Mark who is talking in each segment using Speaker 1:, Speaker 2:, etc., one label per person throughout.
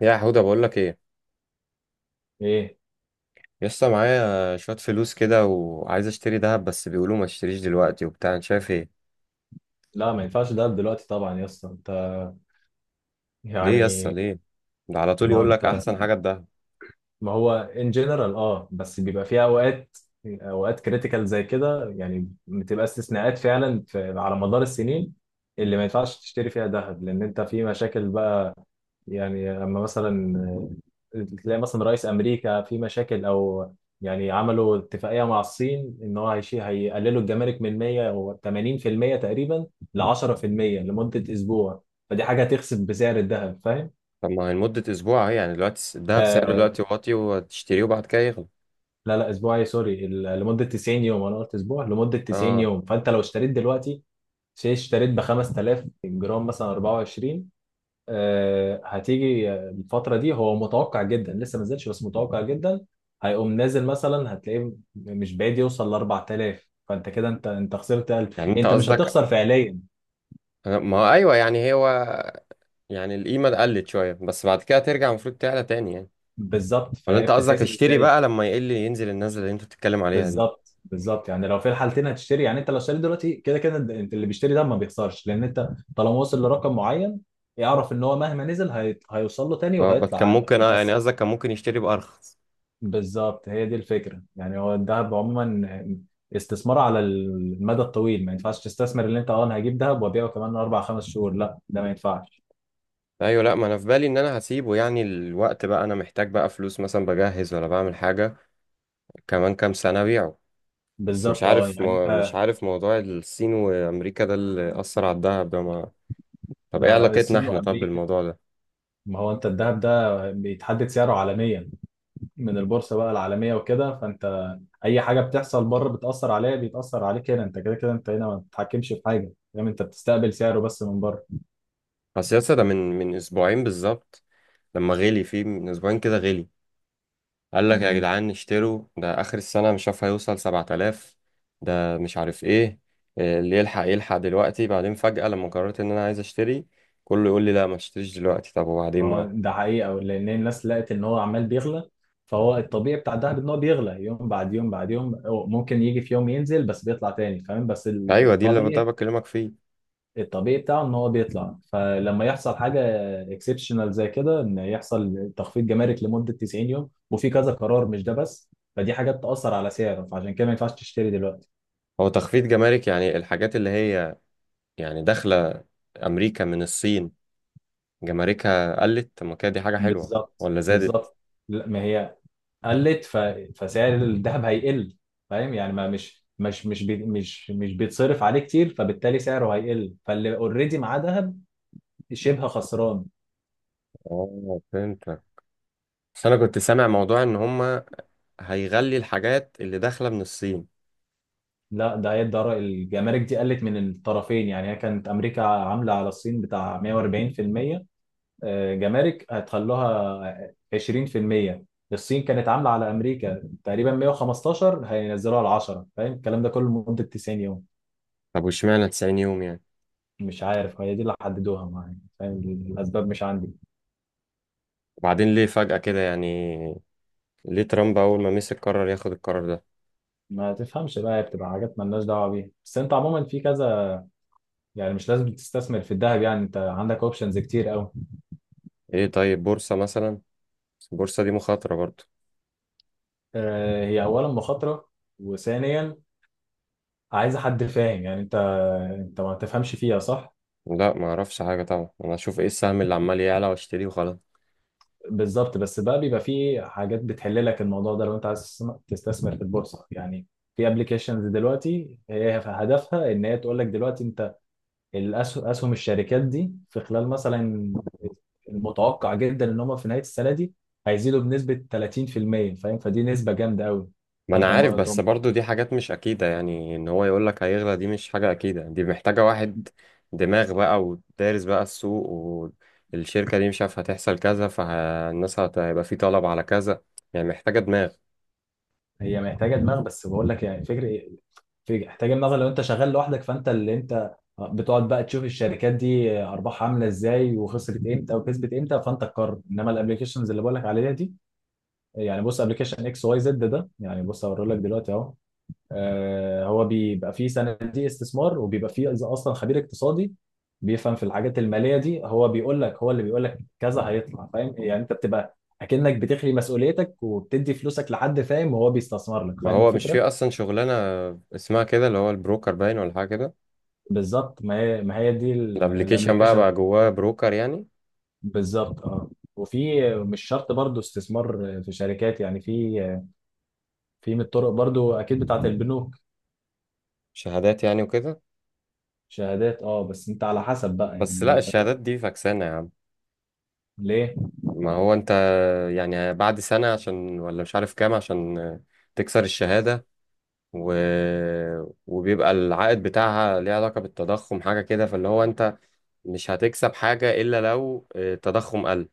Speaker 1: يا حوده، بقول لك ايه؟
Speaker 2: ايه.
Speaker 1: لسه معايا شويه فلوس كده وعايز اشتري ذهب، بس بيقولوا ما اشتريش دلوقتي وبتاع. انت شايف ايه؟
Speaker 2: لا، ما ينفعش دهب دلوقتي طبعا يا اسطى. انت
Speaker 1: ليه؟ لسه
Speaker 2: يعني
Speaker 1: ليه؟ ده على طول
Speaker 2: ما هو
Speaker 1: يقول لك
Speaker 2: انت
Speaker 1: احسن حاجه الذهب.
Speaker 2: ما هو ان جنرال، بس بيبقى فيها اوقات، اوقات كريتيكال زي كده. يعني بتبقى استثناءات فعلا في على مدار السنين اللي ما ينفعش تشتري فيها ذهب لان انت في مشاكل بقى. يعني لما مثلا تلاقي مثلا رئيس امريكا في مشاكل، او يعني عملوا اتفاقيه مع الصين ان هو هيقللوا الجمارك من 100 و 80% تقريبا ل 10% لمده اسبوع. فدي حاجه هتخسف بسعر الذهب، فاهم؟
Speaker 1: طب ما هي لمده اسبوع اهي. يعني دلوقتي الذهب سعره
Speaker 2: آه.
Speaker 1: دلوقتي واطي وتشتريه وبعد كده يغلى.
Speaker 2: لا لا، اسبوع ايه، سوري، لمده 90 يوم. انا قلت اسبوع، لمده 90
Speaker 1: اه،
Speaker 2: يوم. فانت لو اشتريت دلوقتي شيء، اشتريت ب 5000 الجرام مثلا 24. آه، هتيجي الفترة دي، هو متوقع جدا لسه ما نزلش بس متوقع جدا هيقوم نازل. مثلا هتلاقيه مش بعيد يوصل ل 4000، فانت كده انت خسرت 1000.
Speaker 1: يعني انت
Speaker 2: انت مش هتخسر
Speaker 1: قصدك.
Speaker 2: فعليا.
Speaker 1: ما هو ايوه، يعني هو. يعني القيمه قلت شويه، بس بعد كده ترجع المفروض تعلى تاني يعني.
Speaker 2: بالظبط،
Speaker 1: ولا
Speaker 2: فهي
Speaker 1: انت قصدك
Speaker 2: بتتحسب
Speaker 1: اشتري
Speaker 2: ازاي؟
Speaker 1: بقى لما يقل، ينزل النزله اللي انت بتتكلم عليها دي؟
Speaker 2: بالظبط بالظبط، يعني لو في الحالتين هتشتري. يعني انت لو اشتريت دلوقتي كده كده انت اللي بيشتري ده ما بيخسرش، لان انت طالما وصل لرقم معين يعرف ان هو مهما نزل هيوصل له تاني
Speaker 1: اه، بس
Speaker 2: وهيطلع
Speaker 1: كان
Speaker 2: عنده
Speaker 1: ممكن، اه يعني
Speaker 2: بس.
Speaker 1: قصدك كان ممكن يشتري بارخص.
Speaker 2: بالظبط، هي دي الفكرة. يعني هو الذهب عموما استثمار على المدى الطويل، ما ينفعش تستثمر. اللي انت انا هجيب ذهب وابيعه كمان اربع خمس شهور، لا ده ما ينفعش.
Speaker 1: ايوه، لا ما انا في بالي ان انا هسيبه. يعني الوقت بقى انا محتاج بقى فلوس، مثلا بجهز ولا بعمل حاجه كمان كام سنه ابيعه. بس مش
Speaker 2: بالظبط اه.
Speaker 1: عارف،
Speaker 2: يعني
Speaker 1: مش
Speaker 2: انت،
Speaker 1: عارف موضوع الصين وامريكا ده اللي اثر على الدهب ده ما. طب ايه
Speaker 2: ده
Speaker 1: علاقتنا
Speaker 2: الصين
Speaker 1: احنا طب
Speaker 2: وامريكا.
Speaker 1: بالموضوع ده؟
Speaker 2: ما هو انت الذهب ده بيتحدد سعره عالميا من البورصة بقى العالمية وكده. فانت اي حاجة بتحصل بره بتأثر عليها، بيتأثر عليك هنا. انت كده كده انت هنا ما بتتحكمش في حاجة، فاهم؟ انت بتستقبل سعره بس من بره.
Speaker 1: اصل يا اسطى، ده من اسبوعين بالظبط، لما غلي فيه من اسبوعين كده غلي. قال لك يا جدعان اشتروا، ده اخر السنه مش عارف هيوصل 7000، ده مش عارف ايه. إيه اللي يلحق يلحق دلوقتي؟ بعدين فجاه لما قررت ان انا عايز اشتري، كله يقول لي لا ما تشتريش دلوقتي. طب وبعدين؟
Speaker 2: اه ده حقيقة، لأن الناس لقت إن هو عمال بيغلى. فهو الطبيعي بتاع الدهب إن هو بيغلى يوم بعد يوم بعد يوم. هو ممكن يجي في يوم ينزل بس بيطلع تاني، فاهم؟ بس
Speaker 1: ايوه، دي اللي ده
Speaker 2: الطبيعي،
Speaker 1: بكلمك فيه.
Speaker 2: الطبيعي بتاعه إن هو بيطلع. فلما يحصل حاجة اكسبشنال زي كده، إن يحصل تخفيض جمارك لمدة 90 يوم وفي كذا قرار مش ده بس، فدي حاجات تأثر على سعره. فعشان كده ما ينفعش تشتري دلوقتي.
Speaker 1: هو تخفيض جمارك يعني الحاجات اللي هي يعني داخله امريكا من الصين جماركها قلت؟ طب ما كده دي حاجه حلوه
Speaker 2: بالظبط
Speaker 1: ولا زادت؟
Speaker 2: بالظبط. لا ما هي قلت، فسعر الذهب هيقل، فاهم؟ يعني ما مش مش مش بي... مش مش بيتصرف عليه كتير، فبالتالي سعره هيقل. فاللي اوريدي معاه ذهب شبه خسران.
Speaker 1: اه، فهمتك. بس انا كنت سامع موضوع ان هما هيغلي الحاجات اللي داخله من الصين.
Speaker 2: لا، ده هي الجمارك دي قلت من الطرفين. يعني هي كانت امريكا عامله على الصين بتاع 140%، آه، جمارك هتخلوها 20%. الصين كانت عامله على امريكا تقريبا 115 هينزلوها على 10. فاهم الكلام ده كله لمده 90 يوم.
Speaker 1: طب واشمعنى 90 يوم يعني؟
Speaker 2: مش عارف، هي دي اللي حددوها معايا، فاهم. الاسباب مش عندي.
Speaker 1: وبعدين ليه فجأة كده يعني؟ ليه ترامب اول ما مسك قرر ياخد القرار ده؟
Speaker 2: ما تفهمش بقى، هي بتبقى حاجات مالناش دعوه بيها. بس انت عموما في كذا، يعني مش لازم تستثمر في الذهب. يعني انت عندك اوبشنز كتير قوي.
Speaker 1: ايه طيب، بورصه مثلا؟ بس البورصه دي مخاطره برضه.
Speaker 2: آه، هي اولا مخاطره، وثانيا عايزه حد فاهم. يعني انت ما تفهمش فيها صح.
Speaker 1: لا ما اعرفش حاجه طبعا، انا اشوف ايه السهم اللي عمال يعلى واشتريه وخلاص.
Speaker 2: بالظبط، بس بقى بيبقى في حاجات بتحل لك الموضوع ده لو انت عايز تستثمر في البورصه. يعني في ابلكيشنز دلوقتي هي هدفها ان هي تقول لك دلوقتي انت الاسهم، الشركات دي في خلال مثلا، المتوقع جدا ان هم في نهايه السنه دي هيزيدوا بنسبه 30%، فاهم؟ فدي نسبه جامده قوي.
Speaker 1: ما انا
Speaker 2: فانت
Speaker 1: عارف،
Speaker 2: ما
Speaker 1: بس
Speaker 2: طب.
Speaker 1: برضو دي حاجات مش اكيدة. يعني ان هو يقولك هيغلى دي مش حاجة اكيدة، دي محتاجة واحد دماغ بقى ودارس بقى السوق. والشركة دي مش عارف هتحصل كذا، فالناس هيبقى في طلب على كذا. يعني محتاجة دماغ.
Speaker 2: هي محتاجه دماغ بس بقول لك يعني فكره. محتاجه دماغ لو انت شغال لوحدك. فانت اللي انت بتقعد بقى تشوف الشركات دي ارباحها عامله ازاي، وخسرت امتى وكسبت امتى، فانت تقرر. انما الابلكيشنز اللي بقول لك عليها دي، يعني بص ابلكيشن اكس واي زد ده، يعني بص هوريه لك دلوقتي اهو. آه، هو بيبقى فيه صناديق استثمار، وبيبقى فيه إذا اصلا خبير اقتصادي بيفهم في الحاجات الماليه دي. هو بيقول لك، هو اللي بيقول لك كذا هيطلع، فاهم؟ يعني انت بتبقى اكنك بتخلي مسؤوليتك وبتدي فلوسك لحد، فاهم، وهو بيستثمر لك،
Speaker 1: ما
Speaker 2: فاهم
Speaker 1: هو مش في
Speaker 2: الفكره.
Speaker 1: اصلا شغلانة اسمها كده، اللي هو البروكر باين ولا حاجة كده.
Speaker 2: بالظبط، ما هي ما هي دي
Speaker 1: الابليكيشن بقى
Speaker 2: الابلكيشن.
Speaker 1: بقى جواه بروكر يعني.
Speaker 2: بالظبط اه. وفي مش شرط برضو استثمار في شركات. يعني في، في من الطرق برضو اكيد بتاعت البنوك.
Speaker 1: شهادات يعني وكده.
Speaker 2: شهادات اه، بس انت على حسب بقى
Speaker 1: بس لا،
Speaker 2: يعني. انت
Speaker 1: الشهادات دي فكسانة يا عم.
Speaker 2: ليه؟
Speaker 1: ما هو انت، يعني بعد سنة عشان ولا مش عارف كام عشان تكسر الشهادة و... وبيبقى العائد بتاعها ليه علاقة بالتضخم حاجة كده، فاللي هو انت مش هتكسب حاجة إلا لو التضخم قل.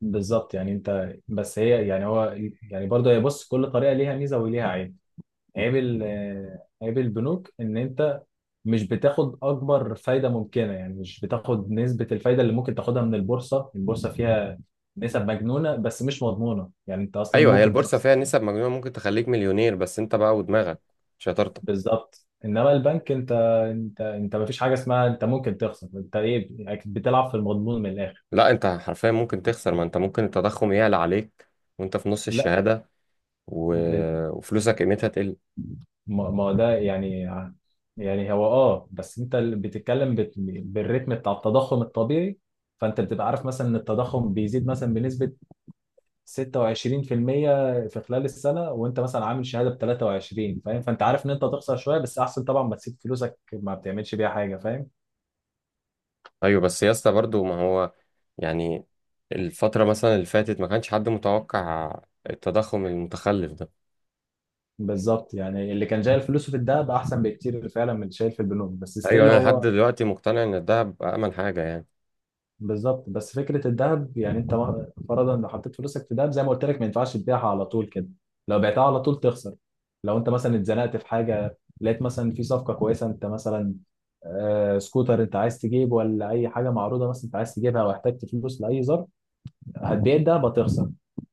Speaker 2: بالظبط، يعني انت، بس هي، يعني هو، يعني برضه هي بص، كل طريقه ليها ميزه وليها عيب. عيب آه، عيب البنوك ان انت مش بتاخد اكبر فايده ممكنه. يعني مش بتاخد نسبه الفايده اللي ممكن تاخدها من البورصه. البورصه فيها نسب مجنونه، بس مش مضمونه. يعني انت اصلا
Speaker 1: أيوة، هي
Speaker 2: ممكن
Speaker 1: البورصة
Speaker 2: تخسر.
Speaker 1: فيها نسب مجنونة ممكن تخليك مليونير، بس انت بقى ودماغك، شطارتك.
Speaker 2: بالظبط، انما البنك انت، انت ما فيش حاجه اسمها انت ممكن تخسر. انت ايه، بتلعب في المضمون من الاخر.
Speaker 1: لا انت حرفيا ممكن تخسر، ما انت ممكن التضخم يعلى عليك وانت في نص الشهادة و...
Speaker 2: لا،
Speaker 1: وفلوسك قيمتها تقل.
Speaker 2: ما ده يعني، يعني هو اه بس انت اللي بتتكلم بالريتم بتاع التضخم الطبيعي. فانت بتبقى عارف مثلا ان التضخم بيزيد مثلا بنسبة 26% في المية في خلال السنة، وانت مثلا عامل شهادة ب 23، فاهم؟ فانت عارف ان انت هتخسر شوية، بس احسن طبعا ما تسيب فلوسك ما بتعملش بيها حاجة، فاهم.
Speaker 1: أيوة بس يا اسطى برضه ما هو، يعني الفترة مثلا اللي فاتت ما كانش حد متوقع التضخم المتخلف ده.
Speaker 2: بالظبط، يعني اللي كان شايل فلوسه في الدهب احسن بكتير فعلا من اللي شايل في البنوك، بس
Speaker 1: ايوه،
Speaker 2: ستيل
Speaker 1: انا لحد
Speaker 2: هو.
Speaker 1: دلوقتي مقتنع ان الدهب امن حاجه يعني.
Speaker 2: بالظبط، بس فكره الذهب يعني انت فرضا لو حطيت فلوسك في ذهب زي ما قلت لك ما ينفعش تبيعها على طول كده. لو بعتها على طول تخسر. لو انت مثلا اتزنقت في حاجه لقيت مثلا في صفقه كويسه، انت مثلا آه، سكوتر انت عايز تجيب، ولا اي حاجه معروضه مثلا انت عايز تجيبها، او احتجت فلوس لاي ظرف، هتبيع الدهب هتخسر.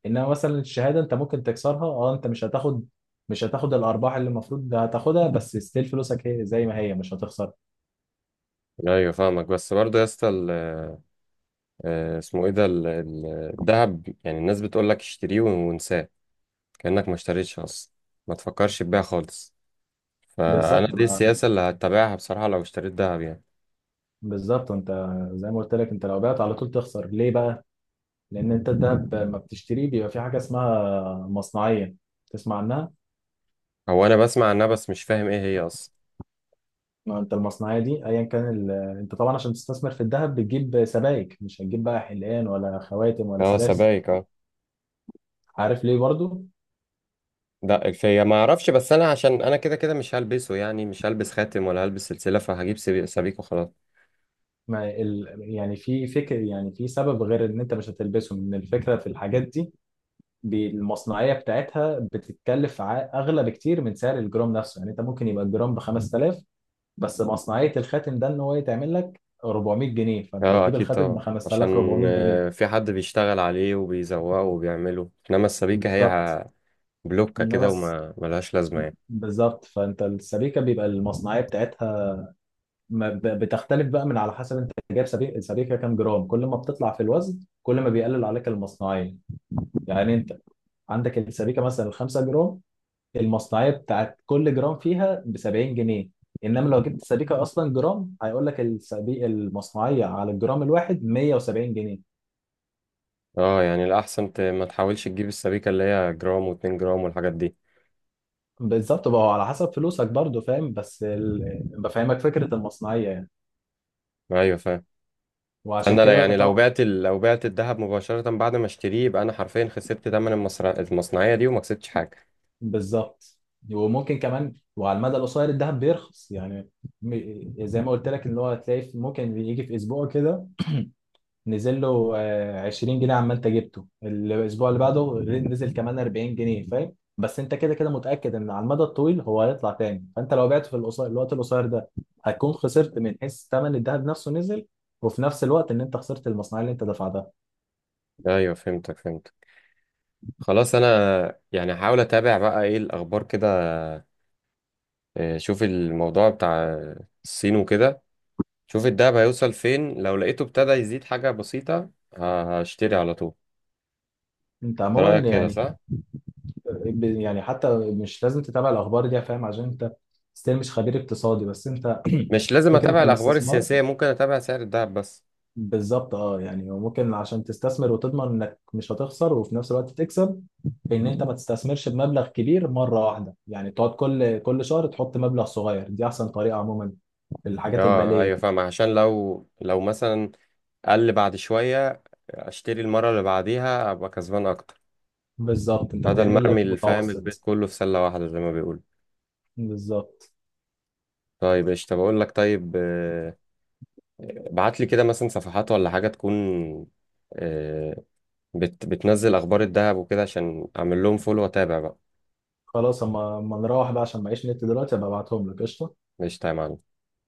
Speaker 2: انما مثلا الشهاده انت ممكن تكسرها، اه انت مش هتاخد، مش هتاخد الارباح اللي المفروض هتاخدها، بس ستيل فلوسك هي زي ما هي مش هتخسر.
Speaker 1: ايوه فاهمك، بس برضه يا اسطى اسمه ايه ده الدهب، يعني الناس بتقول لك اشتريه وانساه، كانك ما اشتريتش اصلا، ما تفكرش تبيع خالص. فانا
Speaker 2: بالظبط
Speaker 1: دي السياسه اللي هتبعها بصراحه لو اشتريت دهب يعني.
Speaker 2: بالظبط، انت زي ما قلت لك انت لو بعت على طول تخسر. ليه بقى؟ لان انت الذهب ما بتشتريه بيبقى في حاجه اسمها مصنعيه، تسمع عنها.
Speaker 1: هو انا بسمع عنها، بس مش فاهم ايه هي اصلا.
Speaker 2: ما انت المصنعيه دي ايا كان ال... انت طبعا عشان تستثمر في الذهب بتجيب سبائك، مش هتجيب بقى حلقان ولا خواتم ولا
Speaker 1: اه،
Speaker 2: سلاسل،
Speaker 1: سبائك اه.
Speaker 2: عارف ليه برضو.
Speaker 1: دق فيا ما اعرفش، بس انا عشان انا كده كده مش هلبسه، يعني مش هلبس خاتم ولا هلبس سلسله، فهجيب سبيك وخلاص.
Speaker 2: ما ال... يعني في فكر، يعني في سبب غير ان انت مش هتلبسهم، ان الفكره في الحاجات دي المصنعيه بتاعتها بتتكلف اغلى بكتير من سعر الجرام نفسه. يعني انت ممكن يبقى الجرام ب 5000، بس مصنعية الخاتم ده ان هو يتعمل لك 400 جنيه، فانت
Speaker 1: اه
Speaker 2: هتجيب
Speaker 1: اكيد
Speaker 2: الخاتم ب
Speaker 1: طبعا، عشان
Speaker 2: 5400 جنيه.
Speaker 1: في حد بيشتغل عليه وبيزوقه وبيعمله، انما السبيكة هي
Speaker 2: بالظبط،
Speaker 1: بلوكة
Speaker 2: انما
Speaker 1: كده
Speaker 2: بس
Speaker 1: وما ملهاش لازمة يعني.
Speaker 2: بالظبط، فانت السبيكة بيبقى المصنعية بتاعتها ما ب- بتختلف بقى من على حسب انت جايب سبيكة، السبيكة كام جرام. كل ما بتطلع في الوزن كل ما بيقلل عليك المصنعية. يعني انت عندك السبيكة مثلا 5 جرام، المصنعية بتاعت كل جرام فيها ب 70 جنيه. انما لو جبت سبيكة اصلا جرام هيقول لك المصنعية على الجرام الواحد 170 جنيه.
Speaker 1: اه يعني الاحسن ما تحاولش تجيب السبيكة اللي هي جرام واتنين جرام والحاجات دي.
Speaker 2: بالظبط بقى هو على حسب فلوسك برضو، فاهم، بس بفهمك فكرة المصنعية يعني.
Speaker 1: ايوه، فاهم.
Speaker 2: وعشان
Speaker 1: فانا
Speaker 2: كده
Speaker 1: يعني
Speaker 2: طبعا.
Speaker 1: لو بعت الذهب مباشرة بعد ما اشتريه، يبقى انا حرفيا خسرت تمن المصنعية دي وما كسبتش حاجة.
Speaker 2: بالظبط، وممكن كمان وعلى المدى القصير الذهب بيرخص. يعني زي ما قلت لك ان هو هتلاقي ممكن يجي في اسبوع كده نزل له آه، 20 جنيه. عمال انت جبته الاسبوع اللي بعده نزل كمان 40 جنيه، فاهم. بس انت كده كده متأكد ان على المدى الطويل هو هيطلع تاني. فانت لو بعته في القصير الوقت القصير ده هتكون خسرت من حيث ثمن الذهب نفسه نزل، وفي نفس الوقت ان انت خسرت المصنعية اللي انت دفعتها.
Speaker 1: ايوه فهمتك فهمتك. خلاص، انا يعني هحاول اتابع بقى ايه الاخبار كده. شوف الموضوع بتاع الصين وكده، شوف الدهب هيوصل فين، لو لقيته ابتدى يزيد حاجة بسيطة هشتري على طول.
Speaker 2: انت
Speaker 1: ده رأيك
Speaker 2: عموما
Speaker 1: كده
Speaker 2: يعني
Speaker 1: صح؟
Speaker 2: يعني حتى مش لازم تتابع الاخبار دي يا فاهم عشان انت ستيل مش خبير اقتصادي. بس انت
Speaker 1: مش لازم
Speaker 2: فكره
Speaker 1: اتابع الاخبار
Speaker 2: الاستثمار،
Speaker 1: السياسية، ممكن اتابع سعر الدهب بس؟
Speaker 2: بالظبط اه. يعني وممكن عشان تستثمر وتضمن انك مش هتخسر وفي نفس الوقت تكسب، ان انت ما تستثمرش بمبلغ كبير مره واحده. يعني تقعد كل كل شهر تحط مبلغ صغير، دي احسن طريقه عموما في الحاجات
Speaker 1: اه
Speaker 2: الماليه
Speaker 1: ايوه
Speaker 2: دي.
Speaker 1: فاهم، عشان لو مثلا قل بعد شوية، اشتري المرة اللي بعديها ابقى كسبان اكتر.
Speaker 2: بالظبط، انت
Speaker 1: بدل ما
Speaker 2: بتعمل
Speaker 1: ارمي
Speaker 2: لك
Speaker 1: الفاهم البيت
Speaker 2: متوسط.
Speaker 1: كله في سلة واحدة زي ما بيقول.
Speaker 2: بالظبط.
Speaker 1: طيب قشطة، بقول لك طيب، ابعت لي كده مثلا صفحات ولا حاجة تكون، آه، بتنزل اخبار الدهب وكده عشان اعمل لهم فولو واتابع بقى.
Speaker 2: خلاص اما اما نروح بقى عشان معيش نت دلوقتي، ابقى ابعتهم لك قشطه
Speaker 1: قشطة يا معلم.